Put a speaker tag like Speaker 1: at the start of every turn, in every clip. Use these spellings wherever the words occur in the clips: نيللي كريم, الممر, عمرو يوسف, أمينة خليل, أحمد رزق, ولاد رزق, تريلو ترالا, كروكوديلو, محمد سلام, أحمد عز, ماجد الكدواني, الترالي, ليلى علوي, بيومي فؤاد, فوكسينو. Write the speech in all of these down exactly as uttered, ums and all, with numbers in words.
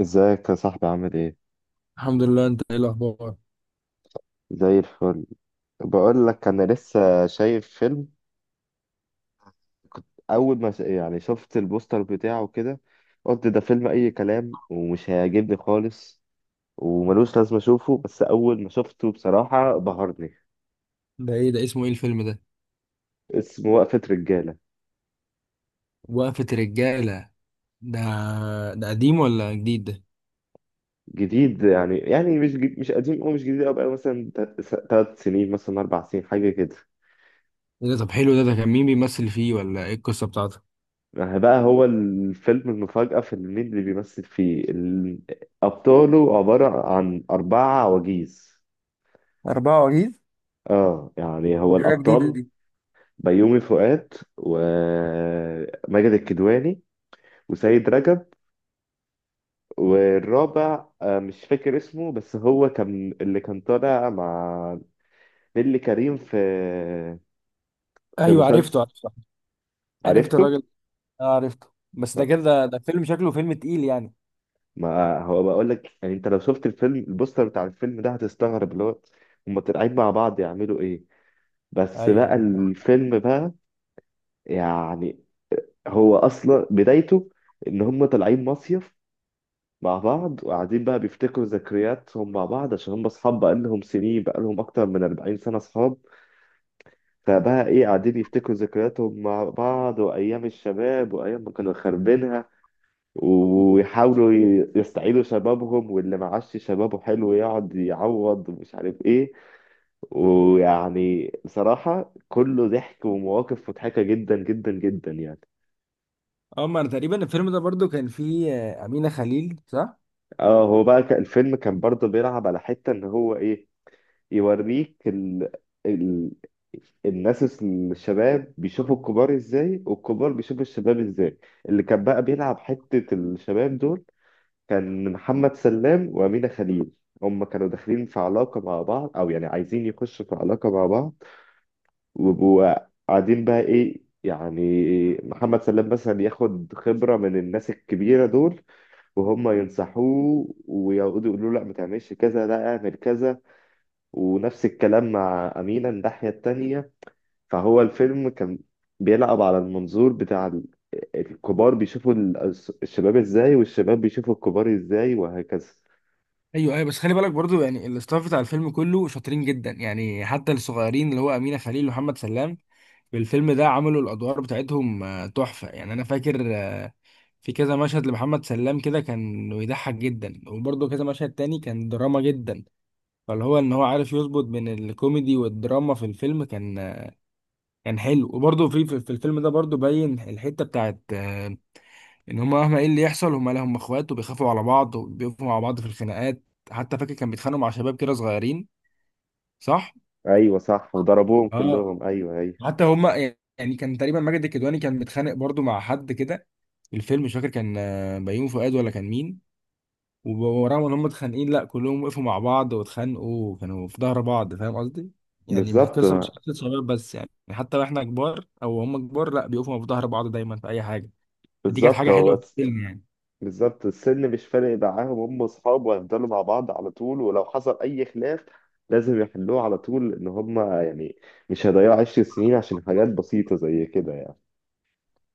Speaker 1: ازيك يا صاحبي؟ عامل ايه؟
Speaker 2: الحمد لله، انت ايه الاخبار؟
Speaker 1: زي الفل. بقول لك، انا لسه شايف فيلم. كنت اول ما ش- يعني شفت البوستر بتاعه كده، قلت ده فيلم اي كلام ومش هيعجبني خالص وملوش لازمه اشوفه. بس اول ما شفته بصراحه بهرني.
Speaker 2: ده ايه، ده اسمه ايه الفيلم ده؟
Speaker 1: اسمه وقفه رجاله.
Speaker 2: وقفة رجالة. ده ده قديم ولا جديد؟ ده
Speaker 1: جديد، يعني يعني مش جد- مش قديم او مش جديد قوي بقى، مثلا ثلاث سنين مثلا اربع سنين حاجه كده.
Speaker 2: ايه؟ ده طب حلو. ده ده كان مين بيمثل فيه، ولا ايه القصة بتاعته؟
Speaker 1: ما هي بقى، هو الفيلم المفاجأة في إن مين اللي بيمثل فيه ال- أبطاله عبارة عن أربعة عواجيز.
Speaker 2: أربعة وعجيز؟
Speaker 1: اه، يعني
Speaker 2: دي
Speaker 1: هو
Speaker 2: حاجة جديدة
Speaker 1: الأبطال:
Speaker 2: دي.
Speaker 1: بيومي فؤاد، وماجد الكدواني، وسيد رجب. والرابع آه، مش فاكر اسمه، بس هو كان اللي كان طالع مع نيللي كريم في في
Speaker 2: ايوه،
Speaker 1: مسلسل.
Speaker 2: عرفته عرفته. عرفت
Speaker 1: عرفته؟
Speaker 2: الراجل. اه، عرفته. بس ده كده، ده ده فيلم شكله فيلم تقيل يعني.
Speaker 1: ما هو بقول لك، يعني انت لو شفت الفيلم، البوستر بتاع الفيلم ده هتستغرب، اللي هو هما طالعين مع بعض يعملوا ايه.
Speaker 2: ايوه
Speaker 1: بس بقى
Speaker 2: ايوه، صح.
Speaker 1: الفيلم بقى، يعني هو اصلا بدايته ان هما طالعين مصيف مع بعض، وقاعدين بقى بيفتكروا ذكرياتهم مع بعض، عشان هما اصحاب بقى لهم سنين، بقى لهم اكتر من أربعين سنة اصحاب. فبقى ايه، قاعدين يفتكروا ذكرياتهم مع بعض، وايام الشباب، وايام ما كانوا خاربينها، ويحاولوا ي- يستعيدوا شبابهم، واللي معاش شبابه حلو يقعد يعوض ومش عارف ايه. ويعني بصراحة كله ضحك ومواقف مضحكة جدا جدا جدا، يعني.
Speaker 2: اه، ما انا تقريبا الفيلم ده برضو كان فيه آه، امينه خليل، صح؟
Speaker 1: اه، هو بقى ك- الفيلم كان برضه بيلعب على حتة ان هو ايه، يوريك ال... ال... الناس الس- الشباب بيشوفوا الكبار ازاي، والكبار بيشوفوا الشباب ازاي. اللي كان بقى بيلعب حتة الشباب دول كان محمد سلام وأمينة خليل، هم كانوا داخلين في علاقة مع بعض، أو يعني عايزين يخشوا في علاقة مع بعض. وبقوا قاعدين بقى إيه يعني، محمد سلام مثلا ياخد خبرة من الناس الكبيرة دول، وهم ينصحوه ويقعدوا يقولوا له لا ما تعملش كذا، لا اعمل كذا. ونفس الكلام مع أمينة الناحية التانية. فهو الفيلم كان بيلعب على المنظور بتاع ال- الكبار بيشوفوا ال- الشباب ازاي، والشباب بيشوفوا الكبار ازاي، وهكذا.
Speaker 2: ايوه ايوه، بس خلي بالك برضو يعني الاستاف بتاع الفيلم كله شاطرين جدا يعني، حتى الصغيرين اللي هو امينه خليل ومحمد سلام. الفيلم ده عملوا الادوار بتاعتهم آه، تحفه يعني. انا فاكر آه، في كذا مشهد لمحمد سلام كده كان بيضحك جدا، وبرضه كذا مشهد تاني كان دراما جدا. فاللي هو ان هو عارف يظبط بين الكوميدي والدراما في الفيلم. كان آه، كان حلو، وبرضه في في في الفيلم ده برضه باين الحته بتاعت آه، ان هما مهما ايه اللي يحصل، هما، لا، هما اخوات وبيخافوا على بعض وبيقفوا مع بعض في الخناقات. حتى فاكر كان بيتخانقوا مع شباب كده صغيرين، صح؟
Speaker 1: ايوه صح، وضربوهم
Speaker 2: اه.
Speaker 1: كلهم، ايوه، ايوه.
Speaker 2: حتى هما، يعني كان تقريبا ماجد الكدواني كان متخانق برضو مع حد كده. الفيلم، مش فاكر كان آه، بيومي فؤاد ولا كان مين. وب- ورغم ان هم اتخانقين، لا، كلهم وقفوا مع بعض واتخانقوا وكانوا في ظهر بعض، فاهم قصدي؟ يعني مش
Speaker 1: بالظبط،
Speaker 2: القصه، مش قصه صغير بس يعني، حتى واحنا كبار، او هم كبار، لا، بيقفوا في ظهر بعض دايما في اي حاجه. دي كانت
Speaker 1: بالظبط.
Speaker 2: حاجه حلوه
Speaker 1: هو
Speaker 2: في
Speaker 1: بس
Speaker 2: الفيلم يعني.
Speaker 1: بالظبط السن مش فارق معاهم، هم اصحاب وهيفضلوا مع بعض على طول، ولو حصل اي خلاف لازم يحلوه على طول، ان هم يعني مش هيضيعوا عشر سنين عشان حاجات بسيطة زي كده، يعني.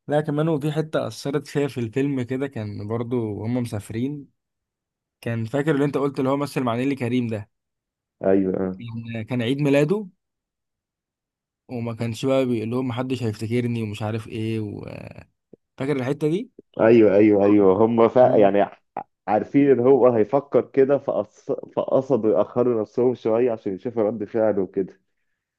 Speaker 2: لا كمان، وفي حته اثرت فيها في الفيلم كده، كان برضو هم مسافرين. كان فاكر اللي انت قلت اللي هو مثل مع نيلي كريم ده،
Speaker 1: ايوه،
Speaker 2: كان كان عيد ميلاده، وما كانش بقى بيقول لهم محدش هيفتكرني ومش عارف ايه و... فاكر الحتة دي.
Speaker 1: ايوه، ايوه، ايوه. هم فا
Speaker 2: آه.
Speaker 1: يعني ع- عارفين ان هو هيفكر كده، فقص... فقصدوا يأخروا نفسهم شوية عشان يشوفوا رد فعله وكده.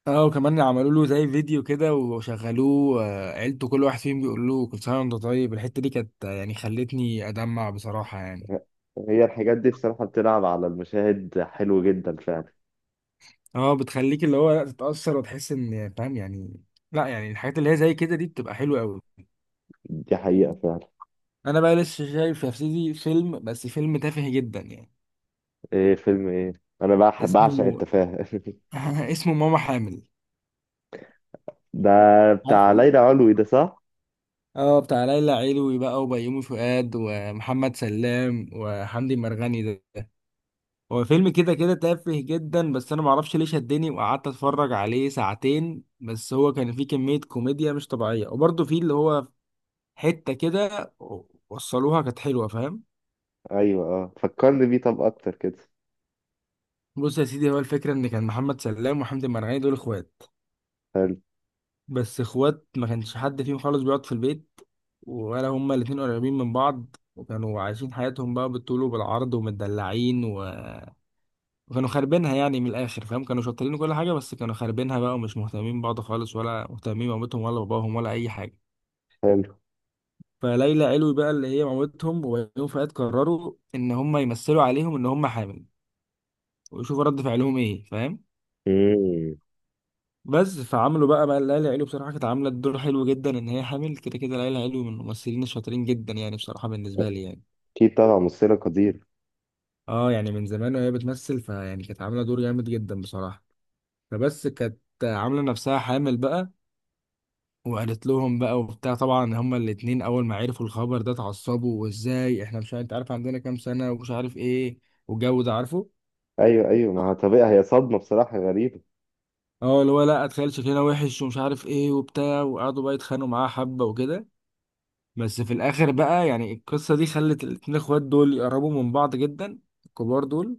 Speaker 2: اه، وكمان عملوا له زي فيديو كده وشغلوه آه، عيلته، كل واحد فيهم بيقول له كل سنه وانت طيب. الحته دي كانت آه، يعني خلتني ادمع بصراحه يعني.
Speaker 1: هي الحاجات دي بصراحة بتلعب على المشاهد حلو جدا فعلا.
Speaker 2: اه، بتخليك اللي هو لا، تتاثر وتحس ان فاهم يعني. لا يعني الحاجات اللي هي زي كده دي بتبقى حلوه قوي.
Speaker 1: دي حقيقة فعلا.
Speaker 2: انا بقى لسه شايف يا سيدي فيلم، بس فيلم تافه جدا يعني.
Speaker 1: ايه فيلم ايه؟ انا بح- بعشق
Speaker 2: اسمه
Speaker 1: التفاهة
Speaker 2: اسمه ماما حامل.
Speaker 1: ده
Speaker 2: عارفه.
Speaker 1: بتاع ليلى علوي ده، صح؟
Speaker 2: اه، بتاع ليلى علوي بقى وبيومي فؤاد ومحمد سلام وحمدي مرغني ده ده. هو فيلم كده كده تافه جدا، بس انا معرفش ليه شدني وقعدت اتفرج عليه ساعتين. بس هو كان فيه كمية كوميديا مش طبيعية، وبرضه فيه اللي هو حتة كده وصلوها كانت حلوة، فاهم.
Speaker 1: ايوه. اه، فكرني بيه طب اكتر كده.
Speaker 2: بص يا سيدي، هو الفكرة ان كان محمد سلام وحمدي مرغني دول اخوات.
Speaker 1: حلو،
Speaker 2: بس اخوات، ما كانش حد فيهم خالص بيقعد في البيت، ولا هما الاتنين قريبين من بعض، وكانوا عايشين حياتهم بقى بالطول وبالعرض ومتدلعين و وكانوا خاربينها يعني من الاخر، فاهم. كانوا شاطرين وكل حاجه، بس كانوا خاربينها بقى، ومش مهتمين ببعض خالص، ولا مهتمين بمامتهم ولا باباهم ولا اي حاجه.
Speaker 1: حلو.
Speaker 2: فليلى علوي بقى اللي هي مامتهم، وبيومي فؤاد، قرروا ان هم يمثلوا عليهم ان هم حامل، ويشوفوا رد فعلهم ايه، فاهم.
Speaker 1: امم.
Speaker 2: بس فعملوا بقى بقى ليلى علوي بصراحه كانت عامله الدور حلو جدا ان هي حامل. كده كده ليلى علوي من الممثلين الشاطرين جدا يعني بصراحه، بالنسبه لي يعني.
Speaker 1: اكيد طبعا، ممثلة قدير.
Speaker 2: اه، يعني من زمان وهي بتمثل، فيعني كانت عامله دور جامد جدا بصراحه. فبس كانت عامله نفسها حامل بقى، وقالت لهم بقى وبتاع. طبعا هما الاتنين اول ما عرفوا الخبر ده اتعصبوا، وازاي احنا مش عارف- انت عارف عندنا كام سنة ومش عارف ايه، والجو ده عارفه.
Speaker 1: ايوه، ايوه، ما هو طبيعي، هي صدمة بصراحة غريبة.
Speaker 2: اه، اللي هو لا، اتخيل شكلنا وحش ومش عارف ايه وبتاع، وقعدوا بقى يتخانقوا معاه حبة وكده. بس في الاخر بقى يعني القصة دي خلت الاتنين اخوات دول يقربوا من بعض جدا، الكبار دول،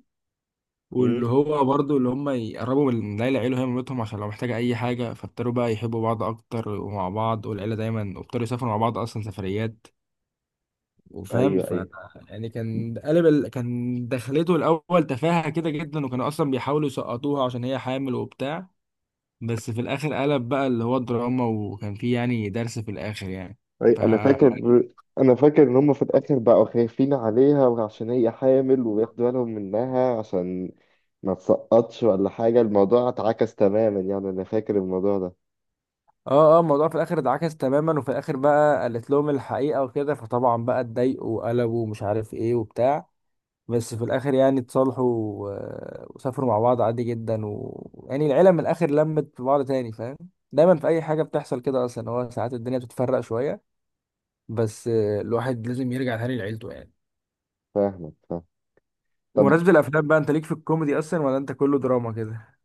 Speaker 1: امم.
Speaker 2: واللي هو برضه اللي هم يقربوا من العيلة، عيله هي مامتهم عشان لو محتاجة أي حاجة. فابتدوا بقى يحبوا بعض أكتر، ومع بعض والعيلة دايما، وابتدوا يسافروا مع بعض أصلا سفريات، وفاهم.
Speaker 1: ايوه،
Speaker 2: ف
Speaker 1: ايوه،
Speaker 2: يعني كان قلب ال... كان دخلته الاول تفاهه كده جدا، وكانوا اصلا بيحاولوا يسقطوها عشان هي حامل وبتاع. بس في الاخر قلب بقى اللي هو دراما، وكان فيه يعني درس في الاخر يعني.
Speaker 1: اي،
Speaker 2: ف
Speaker 1: انا
Speaker 2: اه،
Speaker 1: فاكر. انا فاكر ان هم في الاخر بقوا خايفين عليها وعشان هي حامل، وياخدوا بالهم منها عشان ما تسقطش ولا حاجة. الموضوع اتعكس تماما، يعني انا فاكر الموضوع ده.
Speaker 2: اه، الموضوع في الاخر اتعكس تماما، وفي الاخر بقى قالت لهم الحقيقه وكده، فطبعا بقى اتضايقوا وقلبوا ومش عارف ايه وبتاع. بس في الاخر يعني اتصالحوا و- وسافروا مع بعض عادي جدا و... يعني العيله من الاخر لمت في بعض تاني، فاهم. دايما في اي حاجه بتحصل كده، اصلا هو ساعات الدنيا بتتفرق شويه، بس آه، الواحد لازم يرجع تاني لعيلته يعني.
Speaker 1: فاهمك، فاهم. طب،
Speaker 2: بمناسبة الأفلام بقى، أنت ليك في الكوميدي أصلا ولا أنت كله دراما كده؟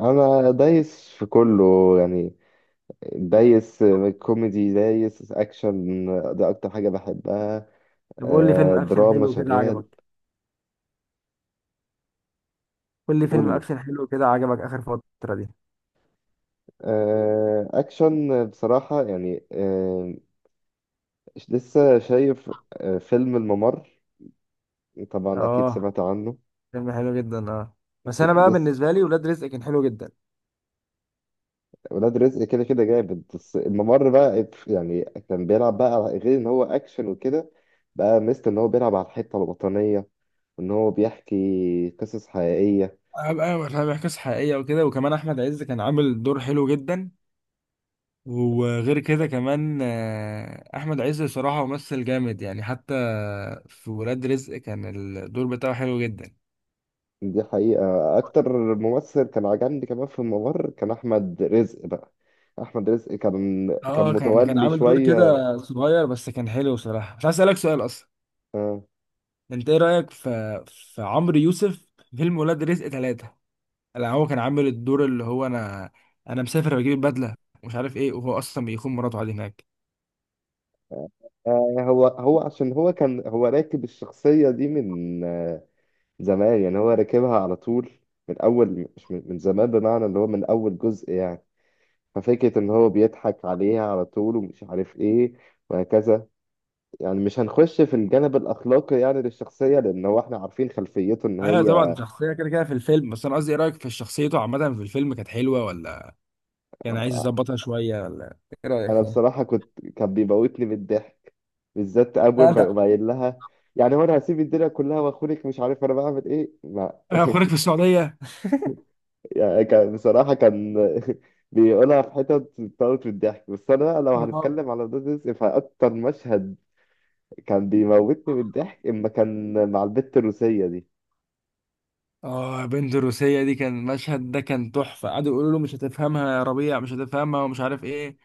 Speaker 1: انا دايس في كله، يعني دايس كوميدي، دايس اكشن، ده اكتر حاجة بحبها.
Speaker 2: طب قول لي
Speaker 1: آه،
Speaker 2: فيلم أكشن
Speaker 1: دراما
Speaker 2: حلو كده
Speaker 1: شغال.
Speaker 2: عجبك، قول لي فيلم
Speaker 1: قول لي،
Speaker 2: أكشن حلو كده عجبك آخر فترة دي؟
Speaker 1: آه، اكشن بصراحة، يعني آه، لسه شايف آه، فيلم الممر، طبعا اكيد
Speaker 2: أه،
Speaker 1: سمعت عنه.
Speaker 2: فيلم حلو جدا. أه، بس
Speaker 1: كان
Speaker 2: أنا بقى
Speaker 1: لسه،
Speaker 2: بالنسبة لي ولاد رزق كان حلو جدا.
Speaker 1: ولاد رزق كده كده جامد، بس الممر بقى يعني كان بيلعب بقى على- غير ان هو اكشن وكده، بقى ميزته ان هو بيلعب على الحتة الوطنية، وان هو بيحكي قصص حقيقية.
Speaker 2: هبقى بيحكي قصة حقيقية وكده، وكمان أحمد عز كان عامل دور حلو جدا. وغير كده كمان آه، احمد عز صراحة ممثل جامد يعني، حتى في ولاد رزق كان الدور بتاعه حلو جدا.
Speaker 1: دي حقيقة. أكتر ممثل كان عجبني كمان في الممر كان أحمد رزق بقى. أحمد رزق كان كان
Speaker 2: اه، كان كان
Speaker 1: متولي
Speaker 2: عامل دور
Speaker 1: شوية.
Speaker 2: كده صغير بس كان حلو صراحة. بس عايز اسألك سؤال اصلا،
Speaker 1: آه،
Speaker 2: انت ايه رأيك في في عمرو يوسف في فيلم ولاد رزق ثلاثة؟ لا، هو كان عامل الدور اللي هو، انا انا مسافر بجيب البدلة، مش عارف ايه، وهو اصلا بيخون مراته عادي هناك.
Speaker 1: آه، هو هو عشان هو كان هو راكب الشخصية دي من آه، زمان، يعني هو راكبها على طول من أول، مش من من زمان، بمعنى اللي هو من أول جزء يعني. ففكرة إن هو بيضحك عليها على طول ومش عارف إيه، وهكذا، يعني مش هنخش في الجانب الأخلاقي يعني للشخصية، لأن هو إحنا عارفين خلفيته إن
Speaker 2: ايوه طبعا،
Speaker 1: هي.
Speaker 2: شخصية كده كده في الفيلم، بس انا قصدي ايه رأيك في شخصيته عامة في الفيلم، كانت حلوة ولا يعني عايز يظبطها شوية، ولا ايه رأيك
Speaker 1: انا
Speaker 2: فيها؟
Speaker 1: بصراحه كنت كان بيموتني من الضحك، بالذات اول
Speaker 2: لا انت.
Speaker 1: ما يقوم قايل لها: يعني هو انا هسيب الدنيا كلها واخونك؟ مش عارف انا بعمل ايه، لا
Speaker 2: انا اخوانك في السعودية.
Speaker 1: يعني كان بصراحه كان بيقولها في حتت بتموت من الضحك. بس انا بقى لو
Speaker 2: اه.
Speaker 1: هنتكلم على ولاد رزق، فاكتر مشهد كان بيموتني من الضحك اما كان مع البت الروسيه دي.
Speaker 2: آه، بنت الروسية دي، كان المشهد ده كان تحفة، قعدوا يقولوا له مش هتفهمها يا ربيع، مش هتفهمها ومش عارف ايه.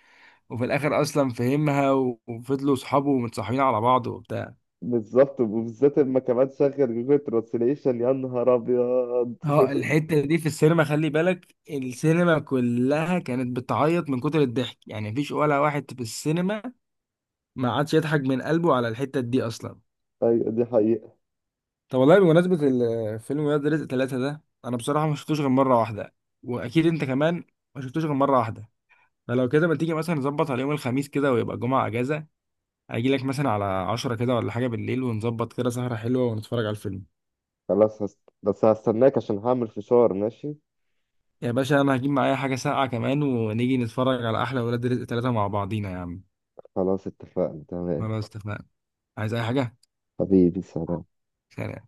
Speaker 2: وفي الاخر اصلا فهمها و- وفضلوا صحابه متصاحبين على بعض وبتاع.
Speaker 1: بالظبط. وبالذات اما كمان شغل جوجل ترانسليشن، يا نهار ابيض
Speaker 2: اه، الحتة دي في السينما، خلي بالك السينما كلها كانت بتعيط من كتر الضحك يعني، مفيش ولا واحد في السينما ما عادش يضحك من قلبه على الحتة دي اصلا.
Speaker 1: ايوه، دي حقيقه.
Speaker 2: طب والله، بمناسبة ال- فيلم ولاد رزق ثلاثة ده، أنا بصراحة ما شفتوش غير مرة واحدة، وأكيد أنت كمان ما شفتوش غير مرة واحدة. فلو كده، ما تيجي مثلا نظبط على يوم الخميس كده ويبقى الجمعة أجازة، أجي لك مثلا على عشرة كده ولا حاجة بالليل، ونظبط كده سهرة حلوة ونتفرج على الفيلم.
Speaker 1: خلاص هست... بس هستناك عشان هعمل فشار، ماشي.
Speaker 2: يا باشا، أنا هجيب معايا حاجة ساقعة كمان، ونيجي نتفرج على أحلى ولاد رزق ثلاثة مع بعضينا يا عم.
Speaker 1: خلاص، اتفقنا، تمام.
Speaker 2: خلاص اتفقنا. عايز أي حاجة؟
Speaker 1: حبيبي، سلام.
Speaker 2: سلام.